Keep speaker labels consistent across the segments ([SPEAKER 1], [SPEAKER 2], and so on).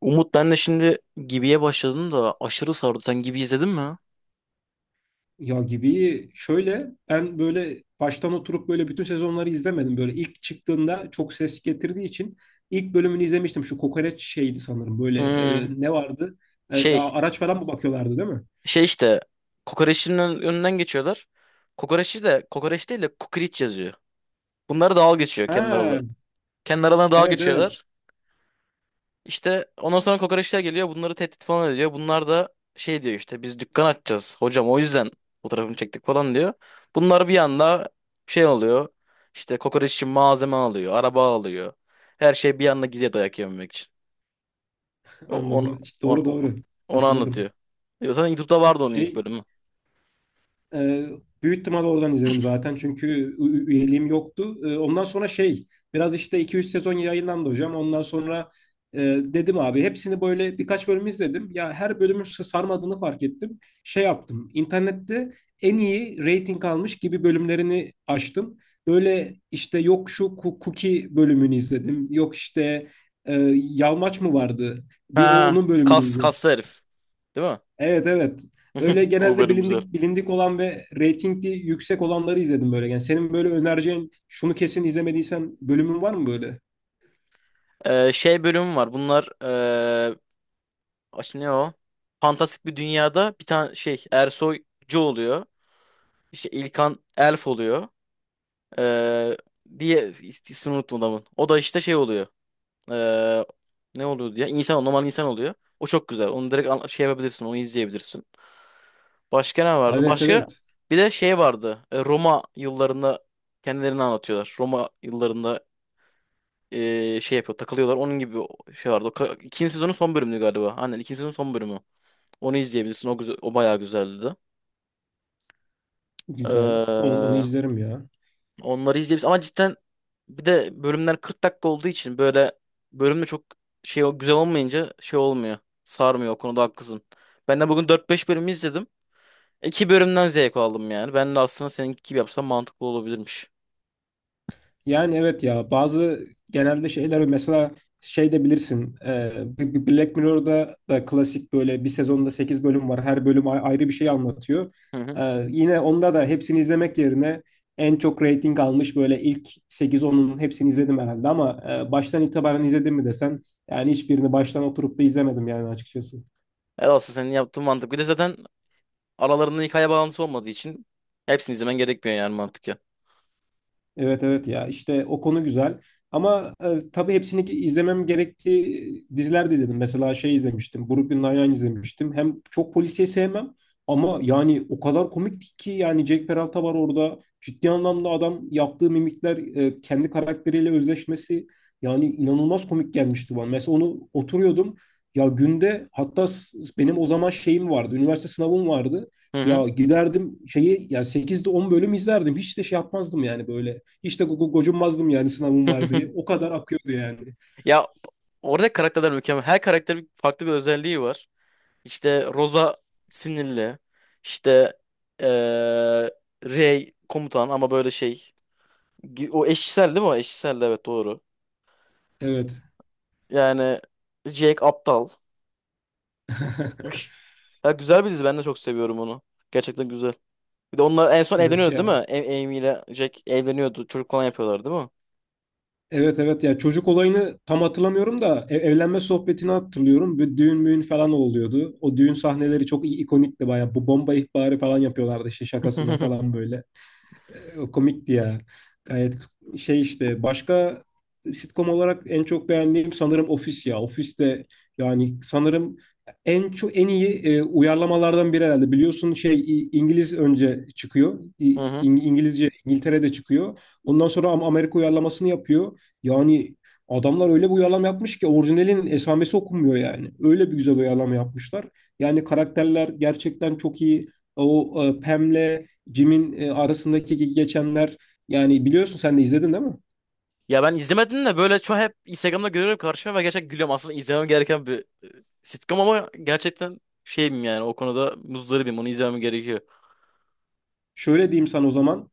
[SPEAKER 1] Umut ben de şimdi Gibi'ye başladım da aşırı sardı. Sen Gibi izledin mi?
[SPEAKER 2] Ya gibi şöyle ben böyle baştan oturup böyle bütün sezonları izlemedim. Böyle ilk çıktığında çok ses getirdiği için ilk bölümünü izlemiştim. Şu kokoreç şeydi sanırım böyle,
[SPEAKER 1] Hmm.
[SPEAKER 2] ne vardı? E,
[SPEAKER 1] şey
[SPEAKER 2] a- araç falan mı bakıyorlardı, değil mi?
[SPEAKER 1] şey işte kokoreçin önünden geçiyorlar. Kokoreçi de kokoreç değil de kukriç yazıyor. Bunlar dalga geçiyor kendi
[SPEAKER 2] Ha,
[SPEAKER 1] aralarına. Kendi aralarına dalga
[SPEAKER 2] evet evet,
[SPEAKER 1] geçiyorlar. İşte ondan sonra kokoreçler geliyor bunları tehdit falan ediyor. Bunlar da şey diyor işte biz dükkan açacağız. Hocam o yüzden fotoğrafını çektik falan diyor. Bunlar bir anda şey oluyor. İşte kokoreç için malzeme alıyor, araba alıyor. Her şey bir anda gidiyor dayak yememek için. O- Onu,
[SPEAKER 2] anladım.
[SPEAKER 1] onu,
[SPEAKER 2] Doğru
[SPEAKER 1] onu,
[SPEAKER 2] doğru
[SPEAKER 1] onu anlatıyor.
[SPEAKER 2] hatırladım.
[SPEAKER 1] Ya zaten YouTube'da vardı onun ilk
[SPEAKER 2] Şey
[SPEAKER 1] bölümü.
[SPEAKER 2] Ee, büyük ihtimal oradan izledim zaten çünkü üyeliğim yoktu. Ondan sonra şey biraz işte 2-3 sezon yayınlandı hocam. Ondan sonra dedim abi hepsini böyle birkaç bölüm izledim. Ya her bölümün sarmadığını fark ettim. Şey yaptım internette en iyi rating almış gibi bölümlerini açtım. Böyle işte yok şu Cookie bölümünü izledim. Yok işte, Yalmaç mı vardı? Bir o
[SPEAKER 1] Ha,
[SPEAKER 2] onun bölümünü
[SPEAKER 1] kas
[SPEAKER 2] izledim.
[SPEAKER 1] kaslı herif. Değil mi?
[SPEAKER 2] Evet, evet. Öyle
[SPEAKER 1] O
[SPEAKER 2] genelde
[SPEAKER 1] bölüm güzel.
[SPEAKER 2] bilindik bilindik olan ve reytingli yüksek olanları izledim böyle. Yani senin böyle önereceğin şunu kesin izlemediysen bölümün var mı böyle?
[SPEAKER 1] Şey bölümü var. Bunlar ne o? Fantastik bir dünyada bir tane şey Ersoycu oluyor. İşte İlkan Elf oluyor. Ee, diye ismini unuttum adamın. O da işte şey oluyor. Ee, ne oluyor diye? İnsan, normal insan oluyor. O çok güzel. Onu direkt şey yapabilirsin. Onu izleyebilirsin. Başka ne vardı?
[SPEAKER 2] Evet,
[SPEAKER 1] Başka
[SPEAKER 2] evet.
[SPEAKER 1] bir de şey vardı. Roma yıllarında kendilerini anlatıyorlar. Roma yıllarında şey yapıyor, takılıyorlar. Onun gibi şey vardı. İkinci sezonun son bölümü galiba. Aynen ikinci sezonun son bölümü. Onu izleyebilirsin. O güzel, o bayağı güzeldi de. Ee,
[SPEAKER 2] Güzel. Onu izlerim ya.
[SPEAKER 1] onları izleyebilirsin. Ama cidden bir de bölümler 40 dakika olduğu için böyle bölümde çok şey güzel olmayınca şey olmuyor. Sarmıyor. O konuda haklısın. Ben de bugün dört beş bölümü izledim. İki bölümden zevk aldım yani. Ben de aslında seninki gibi yapsam mantıklı olabilirmiş.
[SPEAKER 2] Yani evet ya bazı genelde şeyler mesela şey de bilirsin, Black Mirror'da da klasik böyle bir sezonda 8 bölüm var, her bölüm ayrı bir şey anlatıyor.
[SPEAKER 1] Hı hı.
[SPEAKER 2] Yine onda da hepsini izlemek yerine en çok rating almış böyle ilk sekiz 10un hepsini izledim herhalde ama, baştan itibaren izledim mi desen yani hiçbirini baştan oturup da izlemedim yani açıkçası.
[SPEAKER 1] Evet, aslında senin yaptığın mantıklı. Bir de zaten aralarında hikaye bağlantısı olmadığı için hepsini izlemen gerekmiyor yani mantık ya.
[SPEAKER 2] Evet evet ya, işte o konu güzel. Ama tabii hepsini izlemem gerektiği diziler de izledim. Mesela şey izlemiştim. Brooklyn Nine-Nine izlemiştim. Hem çok polisiye sevmem ama yani o kadar komikti ki, yani Jack Peralta var orada. Ciddi anlamda adam yaptığı mimikler, kendi karakteriyle özleşmesi, yani inanılmaz komik gelmişti bana. Mesela onu oturuyordum. Ya günde hatta benim o zaman şeyim vardı. Üniversite sınavım vardı.
[SPEAKER 1] Hı hı.
[SPEAKER 2] Ya giderdim şeyi, ya sekizde 10 bölüm izlerdim. Hiç de şey yapmazdım yani, böyle hiç de gocunmazdım yani sınavım var diye. O kadar akıyordu yani.
[SPEAKER 1] Ya orada karakterler mükemmel. Her karakterin farklı bir özelliği var. İşte Rosa sinirli. İşte eee Rey komutan ama böyle şey. O eşcinsel değil mi o? Eşcinsel de, evet, doğru.
[SPEAKER 2] Evet.
[SPEAKER 1] Yani Jake aptal. Üş. Ya güzel bir dizi, ben de çok seviyorum onu. Gerçekten güzel. Bir de onlar en son
[SPEAKER 2] Evet
[SPEAKER 1] evleniyordu değil mi?
[SPEAKER 2] ya.
[SPEAKER 1] A- Amy ile Jack evleniyordu. Çocuk falan yapıyorlar değil mi?
[SPEAKER 2] Evet evet ya, çocuk olayını tam hatırlamıyorum da evlenme sohbetini hatırlıyorum. Bir düğün müğün falan oluyordu. O düğün sahneleri çok ikonikti bayağı. Bu bomba ihbarı falan yapıyorlardı işte, şakasına falan böyle. O komikti ya. Gayet şey işte, başka sitcom olarak en çok beğendiğim sanırım Office ya. Office de yani sanırım en çok en iyi uyarlamalardan biri herhalde. Biliyorsun şey, İngiliz önce çıkıyor.
[SPEAKER 1] Hı hı.
[SPEAKER 2] İngilizce İngiltere'de çıkıyor. Ondan sonra Amerika uyarlamasını yapıyor. Yani adamlar öyle bir uyarlama yapmış ki orijinalin esamesi okunmuyor yani. Öyle bir güzel uyarlama yapmışlar. Yani karakterler gerçekten çok iyi. O, Pam'le Jim'in arasındaki geçenler, yani biliyorsun sen de izledin, değil mi?
[SPEAKER 1] Ya ben izlemedim de böyle çok hep Instagram'da görüyorum karşıma ve gerçekten gülüyorum. Aslında izlemem gereken bir sitcom ama gerçekten şeyim yani o konuda muzdaribim. Onu izlemem gerekiyor.
[SPEAKER 2] Şöyle diyeyim sana o zaman.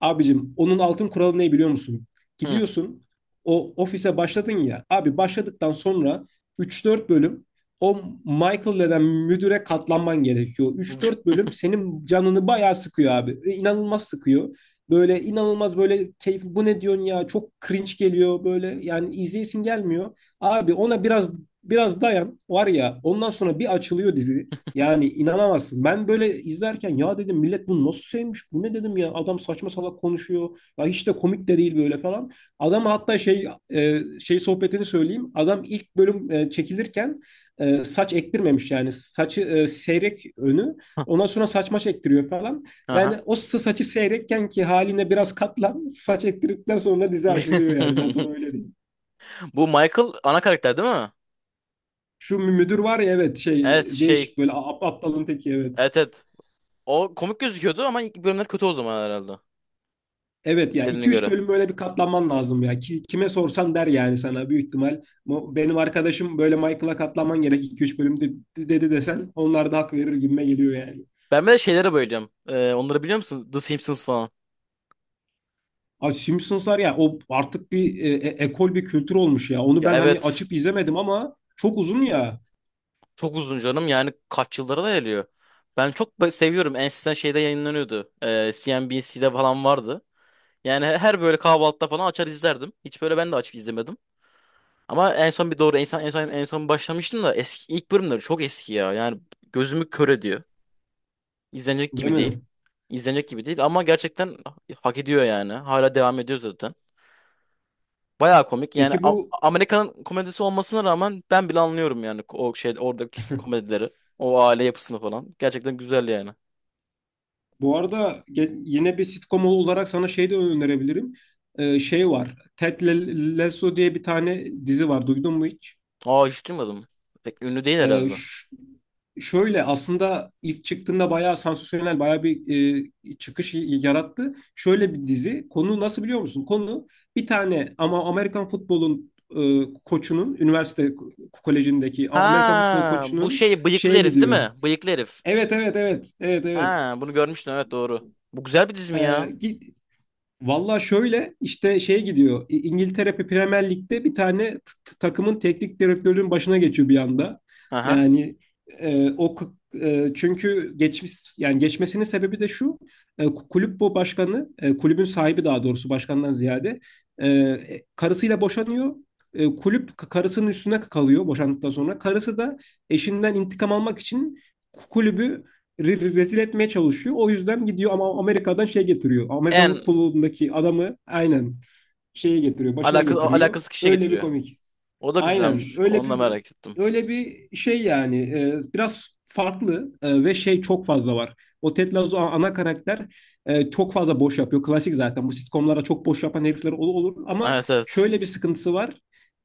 [SPEAKER 2] Abicim, onun altın kuralı ne biliyor musun?
[SPEAKER 1] Hı.
[SPEAKER 2] Gidiyorsun o ofise, başladın ya. Abi başladıktan sonra üç dört bölüm o Michael denen müdüre katlanman gerekiyor. Üç dört bölüm senin canını bayağı sıkıyor abi. E, İnanılmaz sıkıyor. Böyle inanılmaz, böyle keyif bu ne diyorsun ya, çok cringe geliyor böyle, yani izleyesin gelmiyor. Abi ona biraz biraz dayan, var ya, ondan sonra bir açılıyor dizi. Yani inanamazsın. Ben böyle izlerken ya, dedim millet bunu nasıl sevmiş? Bu ne dedim ya? Adam saçma salak konuşuyor. Ya hiç de komik de değil böyle falan. Adam hatta şey, şey sohbetini söyleyeyim. Adam ilk bölüm çekilirken saç ektirmemiş yani. Saçı seyrek önü. Ondan sonra saçma çektiriyor falan. Yani
[SPEAKER 1] Aha.
[SPEAKER 2] o saçı seyrekken ki haline biraz katlan. Saç ektirdikten sonra dizi açılıyor yani. Ben sana öyle diyeyim.
[SPEAKER 1] Bu Michael ana karakter değil mi?
[SPEAKER 2] Şu müdür var ya, evet, şey
[SPEAKER 1] Evet, şey.
[SPEAKER 2] değişik böyle, aptalın teki evet.
[SPEAKER 1] Evet, evet. O komik gözüküyordu ama ilk bölümler kötü o zaman herhalde.
[SPEAKER 2] Evet ya,
[SPEAKER 1] Dediğine
[SPEAKER 2] iki üç
[SPEAKER 1] göre.
[SPEAKER 2] bölüm böyle bir katlanman lazım ya. Kime sorsan der yani sana büyük ihtimal. Benim arkadaşım böyle, Michael'a katlanman gerek iki üç bölüm, dedi desen onlar da hak verir gibime geliyor yani.
[SPEAKER 1] Ben bir de şeylere bayılıyorum. Onları biliyor musun? The Simpsons falan.
[SPEAKER 2] Abi Simpsonslar ya, o artık bir, ekol bir kültür olmuş ya. Onu
[SPEAKER 1] Ya
[SPEAKER 2] ben hani
[SPEAKER 1] evet.
[SPEAKER 2] açıp izlemedim ama çok uzun ya,
[SPEAKER 1] Çok uzun canım. Yani kaç yıllara da geliyor. Ben çok seviyorum. En eskiden şeyde yayınlanıyordu. CNBC'de falan vardı. Yani her böyle kahvaltıda falan açar izlerdim. Hiç böyle ben de açıp izlemedim. Ama en son bir doğru en son en son en son başlamıştım da eski ilk bölümleri çok eski ya. Yani gözümü kör ediyor. İzlenecek
[SPEAKER 2] değil
[SPEAKER 1] gibi değil.
[SPEAKER 2] mi?
[SPEAKER 1] İzlenecek gibi değil ama gerçekten hak ediyor yani. Hala devam ediyor zaten. Bayağı komik. Yani
[SPEAKER 2] Peki
[SPEAKER 1] Amerika'nın komedisi olmasına rağmen ben bile anlıyorum yani o şey oradaki komedileri. O aile yapısını falan. Gerçekten güzel yani.
[SPEAKER 2] bu arada yine bir sitcom olarak sana şey de önerebilirim. Şey var. Ted Lasso diye bir tane dizi var. Duydun mu hiç?
[SPEAKER 1] Aa, hiç duymadım. Pek ünlü değil
[SPEAKER 2] Ee,
[SPEAKER 1] herhalde.
[SPEAKER 2] ş- şöyle aslında ilk çıktığında bayağı sansasyonel, bayağı bir çıkış yarattı. Şöyle bir dizi. Konu nasıl biliyor musun? Konu bir tane ama Amerikan futbolun, koçunun üniversite kolejindeki Amerikan futbol
[SPEAKER 1] Ha, bu
[SPEAKER 2] koçunun
[SPEAKER 1] şey bıyıklı
[SPEAKER 2] şeye
[SPEAKER 1] herif değil
[SPEAKER 2] gidiyor.
[SPEAKER 1] mi? Bıyıklı herif.
[SPEAKER 2] Evet evet evet evet evet.
[SPEAKER 1] Ha, bunu görmüştüm, evet, doğru. Bu güzel bir dizi
[SPEAKER 2] Ee,
[SPEAKER 1] mi ya?
[SPEAKER 2] gi- Valla şöyle işte şey gidiyor. İngiltere Premier Lig'de bir tane takımın teknik direktörünün başına geçiyor bir anda.
[SPEAKER 1] Aha.
[SPEAKER 2] Yani o çünkü geçmiş yani, geçmesinin sebebi de şu. Kulüp bu başkanı, kulübün sahibi daha doğrusu, başkandan ziyade karısıyla boşanıyor. Kulüp karısının üstüne kalıyor boşandıktan sonra. Karısı da eşinden intikam almak için kulübü rezil etmeye çalışıyor. O yüzden gidiyor ama Amerika'dan şey getiriyor. Amerikan
[SPEAKER 1] En
[SPEAKER 2] futbolundaki adamı aynen şeye getiriyor, başına
[SPEAKER 1] Alakası,
[SPEAKER 2] getiriyor.
[SPEAKER 1] alakasız kişiye
[SPEAKER 2] Öyle bir
[SPEAKER 1] getiriyor.
[SPEAKER 2] komik.
[SPEAKER 1] O da
[SPEAKER 2] Aynen
[SPEAKER 1] güzelmiş.
[SPEAKER 2] öyle
[SPEAKER 1] Onu da
[SPEAKER 2] bir,
[SPEAKER 1] merak ettim.
[SPEAKER 2] şey yani, biraz farklı, ve şey çok fazla var. O Ted Lasso ana karakter çok fazla boş yapıyor. Klasik zaten bu sitcomlara çok boş yapan herifler olur ama
[SPEAKER 1] Evet, evet.
[SPEAKER 2] şöyle bir sıkıntısı var.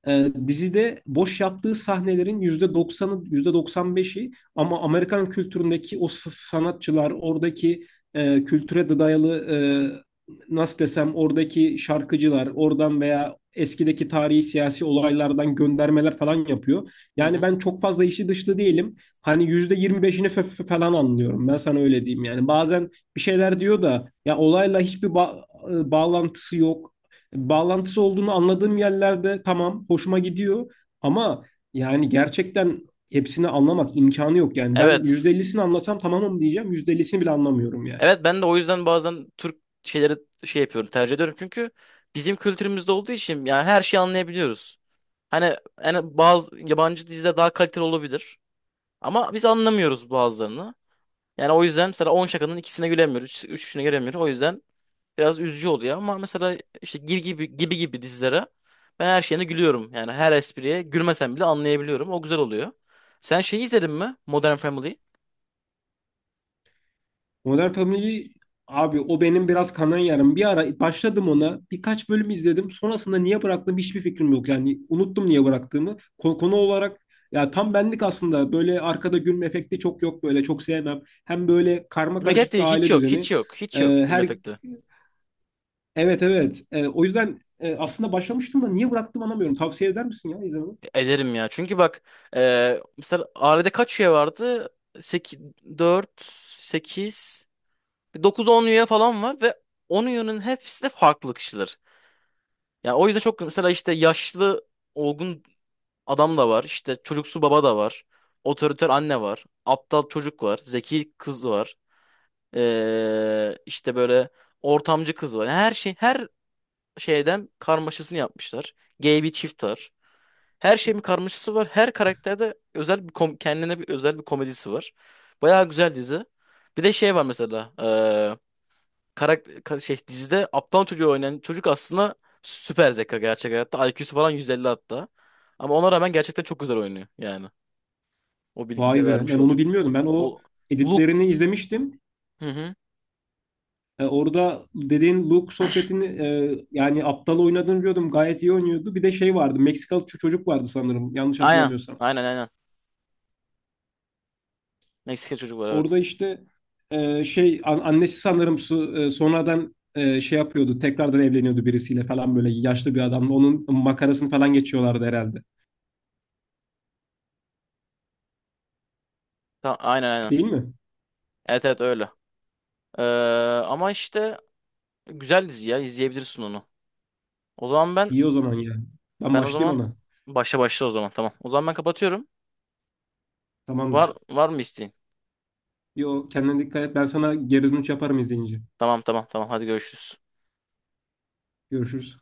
[SPEAKER 2] Dizide boş yaptığı sahnelerin %90'ı, yüzde doksan beşi, ama Amerikan kültüründeki o sanatçılar, oradaki kültüre de dayalı, e, nasıl desem, oradaki şarkıcılar oradan veya eskideki tarihi siyasi olaylardan göndermeler falan yapıyor.
[SPEAKER 1] Hı hı.
[SPEAKER 2] Yani ben çok fazla işi dışlı değilim. Hani %25'ini falan anlıyorum. Ben sana öyle diyeyim yani. Bazen bir şeyler diyor da ya, olayla hiçbir bağlantısı yok. Bağlantısı olduğunu anladığım yerlerde tamam, hoşuma gidiyor ama, yani gerçekten hepsini anlamak imkanı yok yani. Ben
[SPEAKER 1] Evet.
[SPEAKER 2] %50'sini anlasam tamamım diyeceğim. %50'sini bile anlamıyorum yani.
[SPEAKER 1] Evet, ben de o yüzden bazen Türk şeyleri şey yapıyorum, tercih ediyorum çünkü bizim kültürümüzde olduğu için yani her şeyi anlayabiliyoruz. Hani yani bazı yabancı dizide daha kaliteli olabilir ama biz anlamıyoruz bazılarını. Yani o yüzden mesela 10 şakanın ikisine gülemiyoruz, üçüne gülemiyoruz. O yüzden biraz üzücü oluyor ama mesela işte gibi gibi gibi gibi dizilere ben her şeyine gülüyorum. Yani her espriye gülmesem bile anlayabiliyorum. O güzel oluyor. Sen şey izledin mi? Modern Family.
[SPEAKER 2] Modern Family, abi o benim biraz kanayan yarım. Bir ara başladım ona. Birkaç bölüm izledim. Sonrasında niye bıraktığım hiçbir fikrim yok. Yani unuttum niye bıraktığımı. Konu, konu olarak ya tam benlik aslında. Böyle arkada gülme efekti çok yok böyle. Çok sevmem. Hem böyle karma
[SPEAKER 1] Gülmek
[SPEAKER 2] karışık bir
[SPEAKER 1] efekti hiç
[SPEAKER 2] aile
[SPEAKER 1] yok,
[SPEAKER 2] düzeni.
[SPEAKER 1] hiç yok, hiç yok gülme
[SPEAKER 2] Her
[SPEAKER 1] efekti.
[SPEAKER 2] Evet, evet. O yüzden aslında başlamıştım da, niye bıraktım anlamıyorum. Tavsiye eder misin ya izlememi?
[SPEAKER 1] Ederim ya. Çünkü bak mesela ailede kaç üye vardı? Sekiz, dört, sekiz, dokuz, on üye falan var ve 10 üyenin hepsi de farklı kişiler. Yani o yüzden çok mesela işte yaşlı olgun adam da var. İşte çocuksu baba da var. Otoriter anne var. Aptal çocuk var. Zeki kız var. İşte böyle ortamcı kız var. Yani her şey her şeyden karmaşasını yapmışlar. Gay bir çift var. Her şeyin bir karmaşası var. Her karakterde özel bir kendine bir özel bir komedisi var. Bayağı güzel dizi. Bir de şey var mesela. Şey dizide aptal çocuğu oynayan çocuk aslında süper zeka gerçek hayatta. IQ'su falan 150 hatta. Ama ona rağmen gerçekten çok güzel oynuyor yani. O bilgiyi de
[SPEAKER 2] Vay be,
[SPEAKER 1] vermiş
[SPEAKER 2] ben onu
[SPEAKER 1] olayım.
[SPEAKER 2] bilmiyordum. Ben o
[SPEAKER 1] O Luke,
[SPEAKER 2] editlerini izlemiştim.
[SPEAKER 1] hı hı.
[SPEAKER 2] Orada dediğin Luke sohbetini, yani aptal oynadığını biliyordum. Gayet iyi oynuyordu. Bir de şey vardı. Meksikalı çocuk vardı sanırım. Yanlış
[SPEAKER 1] Aynen.
[SPEAKER 2] hatırlamıyorsam.
[SPEAKER 1] Aynen, aynen. Meksika çocuk var, evet.
[SPEAKER 2] Orada işte, şey annesi sanırım sonradan şey yapıyordu. Tekrardan evleniyordu birisiyle falan, böyle yaşlı bir adamla. Onun makarasını falan geçiyorlardı herhalde.
[SPEAKER 1] Tamam, aynen, aynen.
[SPEAKER 2] Değil mi?
[SPEAKER 1] Evet, evet, öyle. Ee, Ama işte güzel dizi ya, izleyebilirsin onu. O zaman ben
[SPEAKER 2] İyi o zaman ya. Ben
[SPEAKER 1] o
[SPEAKER 2] başlayayım
[SPEAKER 1] zaman
[SPEAKER 2] ona.
[SPEAKER 1] başla başla o zaman tamam. O zaman ben kapatıyorum. Var
[SPEAKER 2] Tamamdır.
[SPEAKER 1] var mı isteğin?
[SPEAKER 2] Yo, kendine dikkat et. Ben sana geri dönüş yaparım izleyince.
[SPEAKER 1] Tamam, tamam, tamam, hadi görüşürüz.
[SPEAKER 2] Görüşürüz.